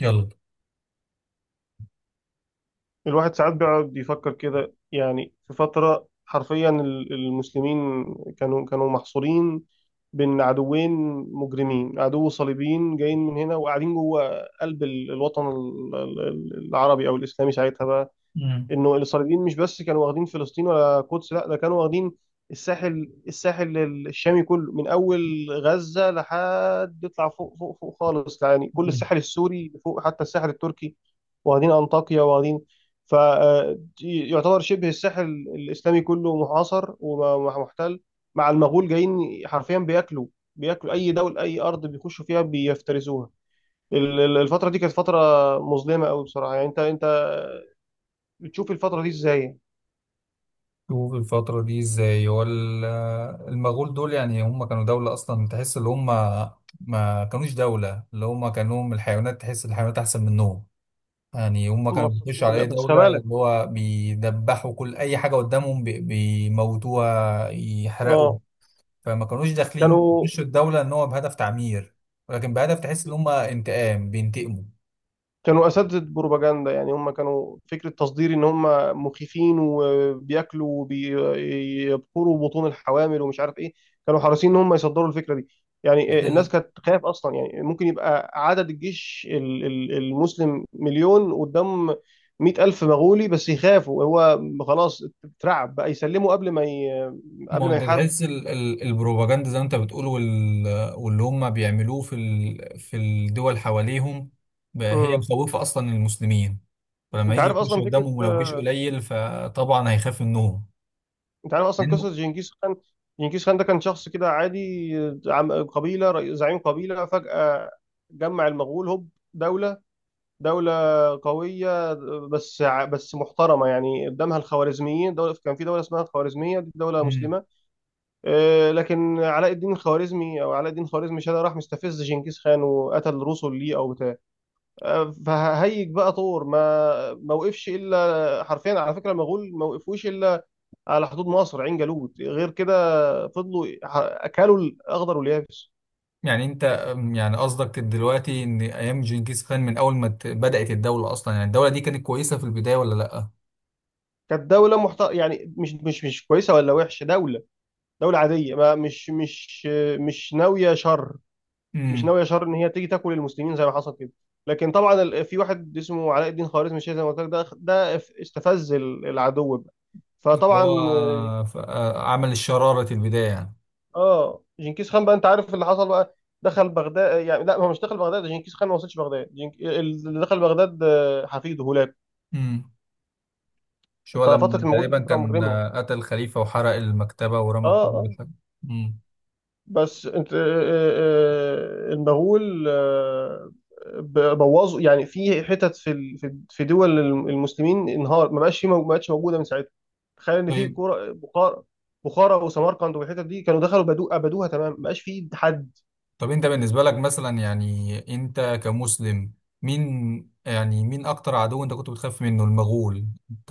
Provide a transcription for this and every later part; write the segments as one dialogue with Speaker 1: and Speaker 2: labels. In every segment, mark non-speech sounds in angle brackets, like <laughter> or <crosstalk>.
Speaker 1: يلا.
Speaker 2: الواحد ساعات بيقعد يفكر كده، يعني في فترة حرفيا المسلمين كانوا محصورين بين عدوين مجرمين، عدو صليبيين جايين من هنا وقاعدين جوه قلب الوطن العربي أو الإسلامي ساعتها بقى،
Speaker 1: مم.
Speaker 2: انه الاسرائيليين مش بس كانوا واخدين فلسطين ولا القدس، لا ده كانوا واخدين الساحل الشامي كله من اول غزة لحد يطلع فوق خالص، يعني كل
Speaker 1: مم.
Speaker 2: الساحل السوري فوق حتى الساحل التركي، واخدين انطاكيا واخدين، فيعتبر شبه الساحل الاسلامي كله محاصر ومحتل، مع المغول جايين حرفيا بياكلوا اي دولة اي ارض بيخشوا فيها بيفترسوها. الفترة دي كانت فترة مظلمة قوي بصراحة، يعني انت بتشوف الفترة دي ازاي؟
Speaker 1: شوف الفترة دي ازاي. هو المغول دول، يعني هم كانوا دولة أصلا؟ تحس إن هم ما كانوش دولة، اللي هم كانوا الحيوانات، تحس الحيوانات أحسن منهم. يعني هم كانوا
Speaker 2: مصاصين،
Speaker 1: بيخشوا على
Speaker 2: لا
Speaker 1: أي
Speaker 2: بس
Speaker 1: دولة،
Speaker 2: خبالك.
Speaker 1: اللي هو بيدبحوا كل أي حاجة قدامهم، بيموتوها، يحرقوا.
Speaker 2: اه،
Speaker 1: فما كانوش داخلين
Speaker 2: كانوا
Speaker 1: يخشوا الدولة إن هو بهدف تعمير، ولكن بهدف تحس إن هم انتقام، بينتقموا.
Speaker 2: كانوا اساتذه بروباجندا، يعني هم كانوا فكره تصدير ان هم مخيفين وبياكلوا وبيبخروا بطون الحوامل ومش عارف ايه، كانوا حريصين ان هم يصدروا الفكره دي. يعني آه، الناس كانت تخاف اصلا، يعني ممكن يبقى عدد الجيش المسلم 1,000,000 قدام 100,000 مغولي، بس يخافوا هو خلاص اترعب بقى يسلموا قبل ما
Speaker 1: ما
Speaker 2: قبل
Speaker 1: هو
Speaker 2: ما
Speaker 1: انت
Speaker 2: يحارب.
Speaker 1: تحس البروباجندا زي ما انت بتقول، واللي هم بيعملوه في الدول حواليهم، بقى هي
Speaker 2: مم.
Speaker 1: مخوفة اصلا المسلمين. فلما
Speaker 2: انت
Speaker 1: يجي
Speaker 2: عارف
Speaker 1: يخش
Speaker 2: اصلا
Speaker 1: قدامهم ولو جيش قليل، فطبعا هيخاف منهم،
Speaker 2: انت عارف اصلا
Speaker 1: لانه.
Speaker 2: قصه جنكيز خان؟ جنكيز خان ده كان شخص كده عادي، زعيم قبيله، فجاه جمع المغول هوب، دوله دوله قويه، بس محترمه، يعني قدامها الخوارزميين، دوله كان في دوله اسمها الخوارزميه، دي دوله
Speaker 1: مم.
Speaker 2: مسلمه. آه، لكن علاء الدين الخوارزمي او علاء الدين الخوارزمي شاه، ده راح مستفز جنكيز خان وقتل رسل ليه او بتاع. آه، فهيج بقى طور ما وقفش، الا حرفيا على فكره المغول ما وقفوش الا على حدود مصر عين جالوت غير كده، فضلوا اكلوا الاخضر واليابس.
Speaker 1: يعني انت، يعني قصدك دلوقتي ان ايام جنكيز خان من اول ما بدأت الدولة اصلا، يعني الدولة دي كانت كويسة في البداية ولا لا؟
Speaker 2: كانت يعني مش كويسه ولا وحشه، دوله عاديه، ما مش مش مش ناويه شر، مش
Speaker 1: امم.
Speaker 2: ناويه شر ان هي تيجي تاكل المسلمين زي ما حصل كده. لكن طبعا في واحد اسمه علاء الدين خوارزمي الشيخ، زي ما قلت لك، ده استفز العدو بقى، فطبعا
Speaker 1: هو عمل الشرارة البداية يعني.
Speaker 2: اه. جنكيز خان بقى، انت عارف اللي حصل بقى، دخل بغداد، يعني لا، هو مش دخل بغداد، جنكيز خان ما وصلش بغداد، اللي دخل بغداد آه، حفيده هولاكو.
Speaker 1: امم. مش هو لما
Speaker 2: ففتره المغول دي
Speaker 1: تقريبا
Speaker 2: فتره
Speaker 1: كان
Speaker 2: مجرمه،
Speaker 1: قتل خليفة وحرق المكتبة
Speaker 2: اه
Speaker 1: ورمى كتب
Speaker 2: اه.
Speaker 1: الحاجة؟ امم.
Speaker 2: بس انت آه، المغول آه، بوظوا، يعني في حتت في ال- في في دول المسلمين، انهار ما بقاش في ما بقتش موجوده من ساعتها. تخيل ان في
Speaker 1: طيب.
Speaker 2: كوره بخارى، بخارى وسمرقند والحتت دي كانوا دخلوا بدو ابدوها تمام، ما بقاش في حد.
Speaker 1: طب انت بالنسبة لك مثلا، يعني انت كمسلم، مين؟ يعني مين اكتر عدو انت كنت بتخاف منه؟ المغول؟ انت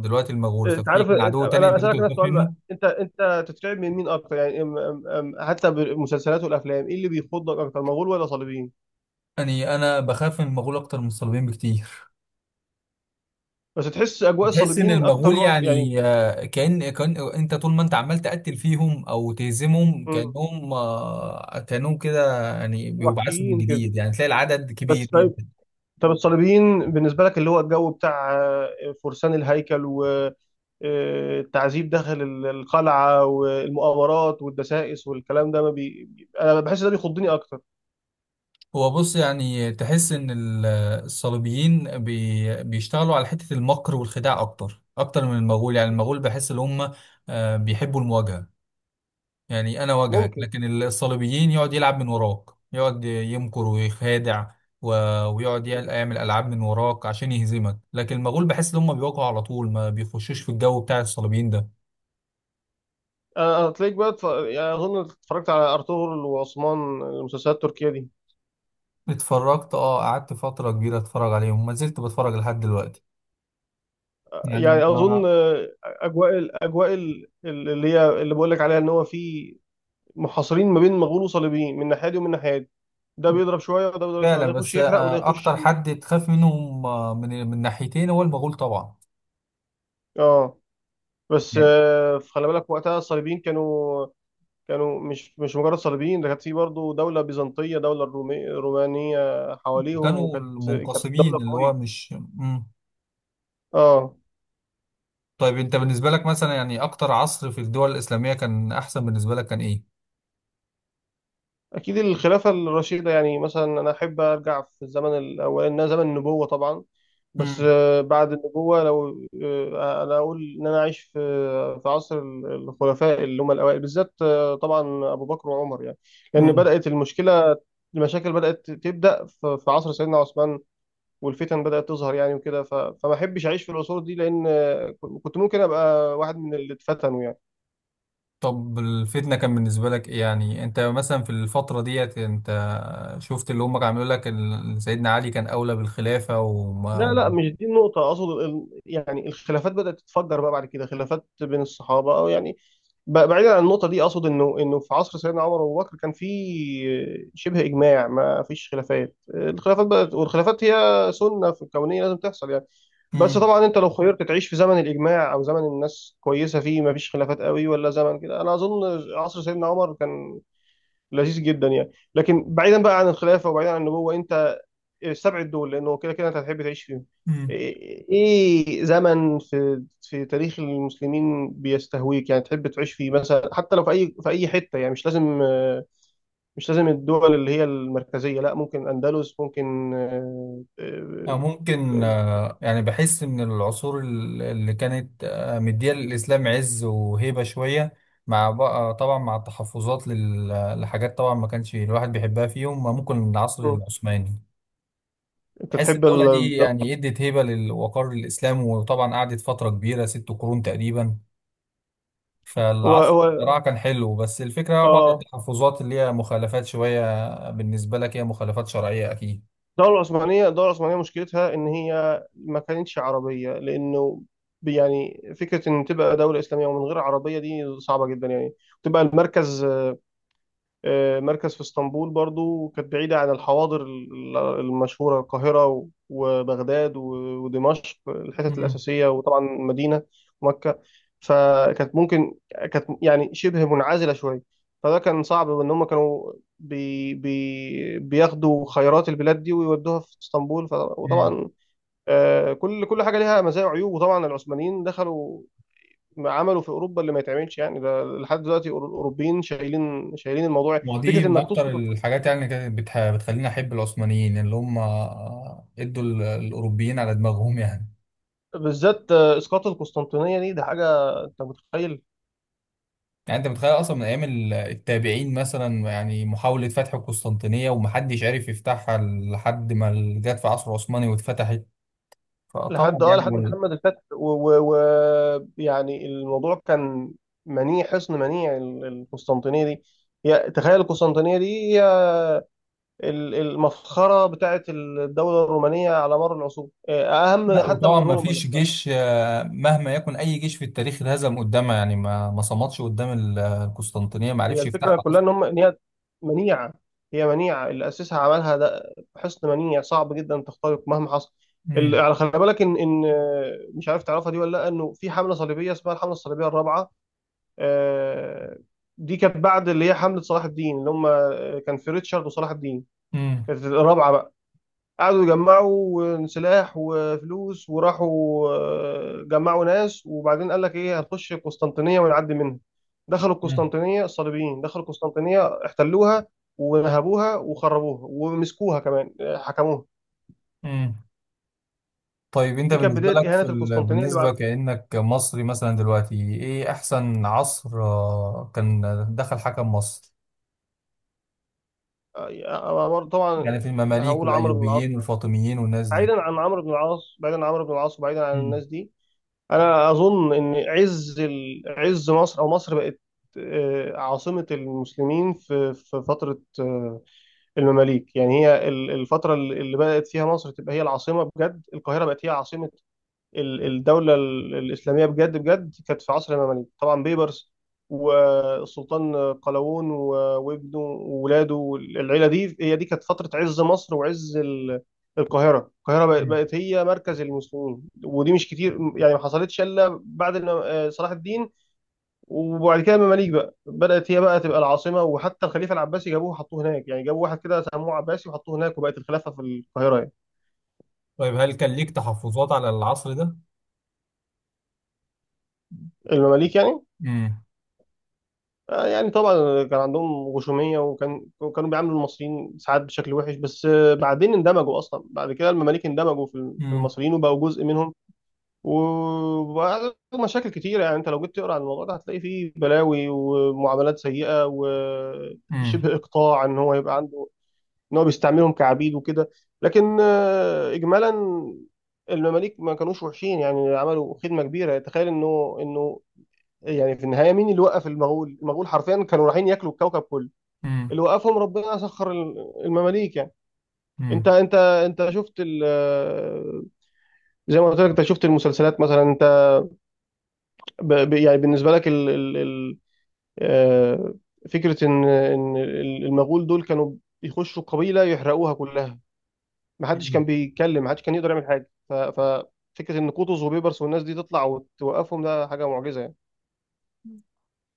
Speaker 1: دلوقتي المغول،
Speaker 2: آه،
Speaker 1: طب
Speaker 2: انت
Speaker 1: في
Speaker 2: عارف،
Speaker 1: كان عدو
Speaker 2: آه،
Speaker 1: تاني
Speaker 2: انا
Speaker 1: انت كنت
Speaker 2: اسالك نفس
Speaker 1: بتخاف
Speaker 2: السؤال
Speaker 1: منه؟
Speaker 2: بقى، انت تترعب من مين اكتر؟ يعني حتى بالمسلسلات والافلام، ايه اللي بيخضك اكتر، مغول ولا صليبيين؟
Speaker 1: يعني انا بخاف من المغول اكتر من الصليبيين بكتير.
Speaker 2: بس تحس اجواء
Speaker 1: بتحس ان
Speaker 2: الصليبيين اكتر
Speaker 1: المغول
Speaker 2: رعب يعني.
Speaker 1: يعني، آه، كأن كان انت طول ما انت عمال تقتل فيهم او تهزمهم،
Speaker 2: مم،
Speaker 1: كأنهم كده، يعني بيبعثوا من
Speaker 2: وحشيين كده.
Speaker 1: جديد، يعني تلاقي العدد كبير
Speaker 2: بس طيب،
Speaker 1: جدا.
Speaker 2: طب الصليبيين بالنسبة لك، اللي هو الجو بتاع آه، فرسان الهيكل والتعذيب داخل القلعة والمؤامرات والدسائس والكلام ده، ما بي... بي- أنا بحس ده بيخضني أكتر.
Speaker 1: هو بص، يعني تحس ان الصليبيين بيشتغلوا على حتة المكر والخداع، اكتر اكتر من المغول. يعني المغول بحس ان هم بيحبوا المواجهة. يعني انا واجهك،
Speaker 2: ممكن.
Speaker 1: لكن الصليبيين يقعد يلعب من وراك، يقعد يمكر ويخادع، و... ويقعد يعمل العاب من وراك عشان يهزمك. لكن المغول بحس ان هم بيواجهوا على طول، ما بيخشوش في الجو بتاع الصليبيين ده.
Speaker 2: أنا هتلاقيك بقى يعني أظن اتفرجت على أرطغرل وعثمان المسلسلات التركية دي.
Speaker 1: اتفرجت. اه، قعدت فترة كبيرة اتفرج عليهم، ما زلت بتفرج لحد دلوقتي. يعني
Speaker 2: يعني
Speaker 1: ما.
Speaker 2: أظن آه، الأجواء اللي بقول لك عليها، إن هو في محاصرين ما بين مغول وصليبيين من ناحية دي ومن ناحية دي، ده
Speaker 1: <laughs>
Speaker 2: بيضرب شوية وده بيضرب شوية،
Speaker 1: فعلا.
Speaker 2: ده يخش
Speaker 1: بس
Speaker 2: يحرق وده يخش
Speaker 1: اكتر حد تخاف منهم من ناحيتين هو المغول طبعا.
Speaker 2: اه. بس
Speaker 1: يعني.
Speaker 2: آه، خلي بالك وقتها الصليبيين كانوا مش مجرد صليبيين، ده كانت في برضه دولة بيزنطية، رومانية حواليهم،
Speaker 1: كانوا
Speaker 2: وكانت
Speaker 1: المنقسمين
Speaker 2: دولة
Speaker 1: اللي هو
Speaker 2: قوية
Speaker 1: مش.
Speaker 2: اه.
Speaker 1: طيب انت بالنسبة لك مثلا، يعني اكتر عصر في الدول الإسلامية كان احسن بالنسبة لك، كان ايه؟
Speaker 2: اكيد الخلافة الرشيدة، يعني مثلا انا احب ارجع في الزمن الاول، إنها زمن النبوة طبعا، بس
Speaker 1: امم.
Speaker 2: آه، بعد النبوة لو آه، انا اقول ان انا عايش في عصر الخلفاء اللي هم الاوائل بالذات، آه، طبعا ابو بكر وعمر يعني، لان
Speaker 1: امم.
Speaker 2: بدأت المشكلة، المشاكل بدأت تبدأ في عصر سيدنا عثمان والفتن بدأت تظهر، يعني وكده فما احبش اعيش في العصور دي، لان كنت ممكن ابقى واحد من اللي اتفتنوا يعني.
Speaker 1: طب الفتنة كان بالنسبة لك ايه؟ يعني انت مثلا في الفترة ديت، انت شفت اللي هم عملوا لك سيدنا علي كان اولى بالخلافة، وما.
Speaker 2: لا لا مش دي النقطة، اقصد يعني الخلافات بدأت تتفجر بقى بعد كده، خلافات بين الصحابة او يعني، بعيدا عن النقطة دي، اقصد انه في عصر سيدنا عمر وابو بكر كان في شبه اجماع، ما فيش خلافات، الخلافات بدأت، والخلافات هي سنة في الكونية لازم تحصل يعني. بس
Speaker 1: امم.
Speaker 2: طبعا انت لو خيرت تعيش في زمن الاجماع او زمن الناس كويسه فيه ما فيش خلافات قوي ولا زمن كده، انا اظن عصر سيدنا عمر كان لذيذ جدا يعني. لكن بعيدا بقى عن الخلافه وبعيدا عن النبوه، انت السبع دول لانه كده كده انت هتحب تعيش فيهم،
Speaker 1: امم.
Speaker 2: ايه زمن في تاريخ المسلمين بيستهويك، يعني تحب تعيش فيه مثلا، حتى لو في اي في اي حته، يعني مش لازم آه، مش لازم الدول اللي هي المركزيه، لا ممكن اندلس، ممكن
Speaker 1: أو ممكن، يعني بحس ان العصور اللي كانت مديه للاسلام عز وهيبه شويه، مع بقى طبعا مع التحفظات لحاجات طبعا ما كانش الواحد بيحبها فيهم، ممكن العصر
Speaker 2: آه،
Speaker 1: العثماني.
Speaker 2: انت
Speaker 1: بحس
Speaker 2: تحب
Speaker 1: الدولة دي يعني ادت هيبة للوقار الإسلام، وطبعا قعدت فترة كبيرة، 6 قرون تقريبا.
Speaker 2: هو
Speaker 1: فالعصر
Speaker 2: هو
Speaker 1: بصراحة كان حلو، بس الفكرة بعض
Speaker 2: اه.
Speaker 1: التحفظات اللي هي مخالفات شوية بالنسبة لك، هي مخالفات شرعية أكيد.
Speaker 2: الدولة العثمانية، الدولة العثمانية مشكلتها إن هي ما كانتش عربية، لأنه يعني فكرة إن تبقى دولة إسلامية ومن غير عربية دي صعبة جدا يعني، تبقى المركز، آه، مركز في اسطنبول، برضو كانت بعيدة عن الحواضر المشهورة، القاهرة وبغداد ودمشق الحتت
Speaker 1: مم.
Speaker 2: الأساسية، وطبعا المدينة، مكة. فكانت ممكن، كانت يعني شبه منعزلة شوية، فده كان صعب إن هم كانوا بي بي بياخدوا خيرات البلاد دي ويودوها في اسطنبول،
Speaker 1: مم.
Speaker 2: وطبعا آه، كل حاجة ليها مزايا وعيوب. وطبعا العثمانيين دخلوا عمله في اوروبا اللي ما يتعملش، يعني ده لحد دلوقتي الاوروبيين شايلين الموضوع،
Speaker 1: ودي
Speaker 2: فكره
Speaker 1: من
Speaker 2: انك
Speaker 1: أكتر
Speaker 2: تسقط،
Speaker 1: الحاجات يعني اللي كانت بتخليني أحب العثمانيين، اللي هم ادوا الأوروبيين على دماغهم يعني.
Speaker 2: بالذات آه، اسقاط القسطنطينيه دي، ده حاجه، انت متخيل.
Speaker 1: يعني أنت متخيل أصلا من أيام التابعين مثلا، يعني محاولة فتح القسطنطينية ومحدش عارف يفتحها لحد ما جت في عصر عثماني واتفتحت.
Speaker 2: لحد
Speaker 1: فطبعا
Speaker 2: اه،
Speaker 1: يعني
Speaker 2: لحد محمد الفاتح، ويعني الموضوع كان منيع، حصن منيع القسطنطينيه دي. تخيل القسطنطينيه دي، هي المفخره بتاعت الدوله الرومانيه على مر العصور، آه، اهم
Speaker 1: لا،
Speaker 2: حتى من
Speaker 1: وطبعا ما
Speaker 2: روما.
Speaker 1: فيش جيش، مهما يكن اي جيش في التاريخ اتهزم قدامها، يعني ما صمدش قدام القسطنطينيه، ما
Speaker 2: هي
Speaker 1: عرفش يفتحها
Speaker 2: الفكرة كلها
Speaker 1: اصلا.
Speaker 2: إن هم إن هي منيعة، هي منيعة، اللي أسسها عملها ده حسن منيع، صعب جدا تخترق مهما حصل. ال-
Speaker 1: امم.
Speaker 2: على خلي بالك إن آه، مش عارف تعرفها دي ولا لأ، إنه في حملة صليبية اسمها الحملة الصليبية الرابعة. آه، دي كانت بعد اللي هي حملة صلاح الدين، اللي هم آه، كان في ريتشارد وصلاح الدين،
Speaker 1: امم.
Speaker 2: كانت الرابعة بقى، قعدوا يجمعوا سلاح وفلوس وراحوا آه، جمعوا ناس، وبعدين قال لك ايه، هنخش القسطنطينية ونعدي منها، دخلوا
Speaker 1: امم.
Speaker 2: القسطنطينية، الصليبيين دخلوا القسطنطينية احتلوها ونهبوها وخربوها ومسكوها كمان، آه، حكموها.
Speaker 1: أمم. طيب انت
Speaker 2: دي كانت
Speaker 1: بالنسبه
Speaker 2: بداية
Speaker 1: لك
Speaker 2: إهانة القسطنطينية اللي
Speaker 1: بالنسبه
Speaker 2: بعد
Speaker 1: كانك مصري مثلا دلوقتي، ايه احسن عصر كان دخل حكم مصر؟
Speaker 2: طبعا.
Speaker 1: يعني في المماليك
Speaker 2: هقول عمرو بن العاص،
Speaker 1: والايوبيين والفاطميين والناس دي.
Speaker 2: بعيدا عن عمرو بن العاص، بعيدا عن عمرو بن العاص وبعيدا عن
Speaker 1: مم.
Speaker 2: الناس دي، انا اظن ان عز عز مصر، او مصر بقت آه، عاصمة المسلمين في فترة آه، المماليك. يعني هي الفترة اللي بدأت فيها مصر تبقى هي العاصمة بجد، القاهرة بقت هي عاصمة الدولة الإسلامية بجد بجد، كانت في عصر المماليك، طبعا بيبرس والسلطان قلاوون وابنه وولاده والعيلة دي، هي دي كانت فترة عز مصر وعز القاهرة.
Speaker 1: مم.
Speaker 2: بقت هي مركز المسلمين، ودي مش كتير يعني، ما حصلتش إلا بعد آه، صلاح الدين، وبعد كده المماليك بقى بدأت هي بقى تبقى العاصمة، وحتى الخليفة العباسي جابوه وحطوه هناك، يعني جابوا واحد كده سموه عباسي وحطوه هناك، وبقت الخلافة في القاهرة يعني.
Speaker 1: طيب هل كان ليك تحفظات على العصر ده؟
Speaker 2: المماليك يعني
Speaker 1: امم.
Speaker 2: آه، يعني طبعا كان عندهم غشومية، وكان كانوا بيعاملوا المصريين ساعات بشكل وحش، بس آه، بعدين اندمجوا أصلا، بعد كده المماليك اندمجوا في في
Speaker 1: امم.
Speaker 2: المصريين وبقوا جزء منهم، وبقى لهم مشاكل كتيرة، يعني أنت لو جيت تقرأ عن الموضوع ده هتلاقي فيه بلاوي ومعاملات سيئة وشبه إقطاع، إن هو يبقى عنده إن هو بيستعملهم كعبيد وكده. لكن آه، إجمالا المماليك ما كانوش وحشين، يعني عملوا خدمة كبيرة. تخيل إنه يعني في النهايه مين اللي وقف المغول؟ المغول حرفيا كانوا رايحين ياكلوا الكوكب كله،
Speaker 1: امم.
Speaker 2: اللي وقفهم ربنا سخر المماليك يعني. انت شفت زي ما قلت لك، انت شفت المسلسلات مثلا. انت يعني بالنسبه لك ال ال ال آه، فكره ان المغول دول كانوا بيخشوا قبيله يحرقوها كلها، ما حدش
Speaker 1: امم.
Speaker 2: كان بيتكلم، ما حدش كان يقدر يعمل حاجه. فكره ان قطز وبيبرس والناس دي تطلع وتوقفهم، ده حاجه معجزه يعني.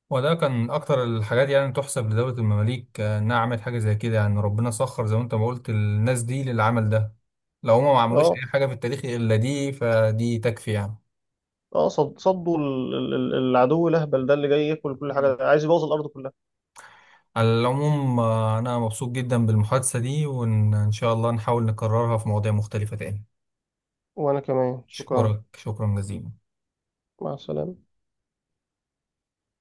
Speaker 1: وده كان أكتر الحاجات يعني تحسب لدولة المماليك، إنها عملت حاجة زي كده. يعني ربنا سخر زي ما أنت ما قلت الناس دي للعمل ده. لو هما ما عملوش
Speaker 2: اه
Speaker 1: أي حاجة في التاريخ إلا دي، فدي تكفي يعني.
Speaker 2: اه، صدوا العدو الاهبل ده اللي جاي ياكل كل
Speaker 1: مم.
Speaker 2: حاجه، عايز يبوظ الارض كلها.
Speaker 1: على العموم، أنا مبسوط جدا بالمحادثة دي، وإن شاء الله نحاول نكررها في مواضيع مختلفة تاني.
Speaker 2: وأنا كمان شكرا.
Speaker 1: أشكرك، شكرا جزيلا.
Speaker 2: مع السلامة.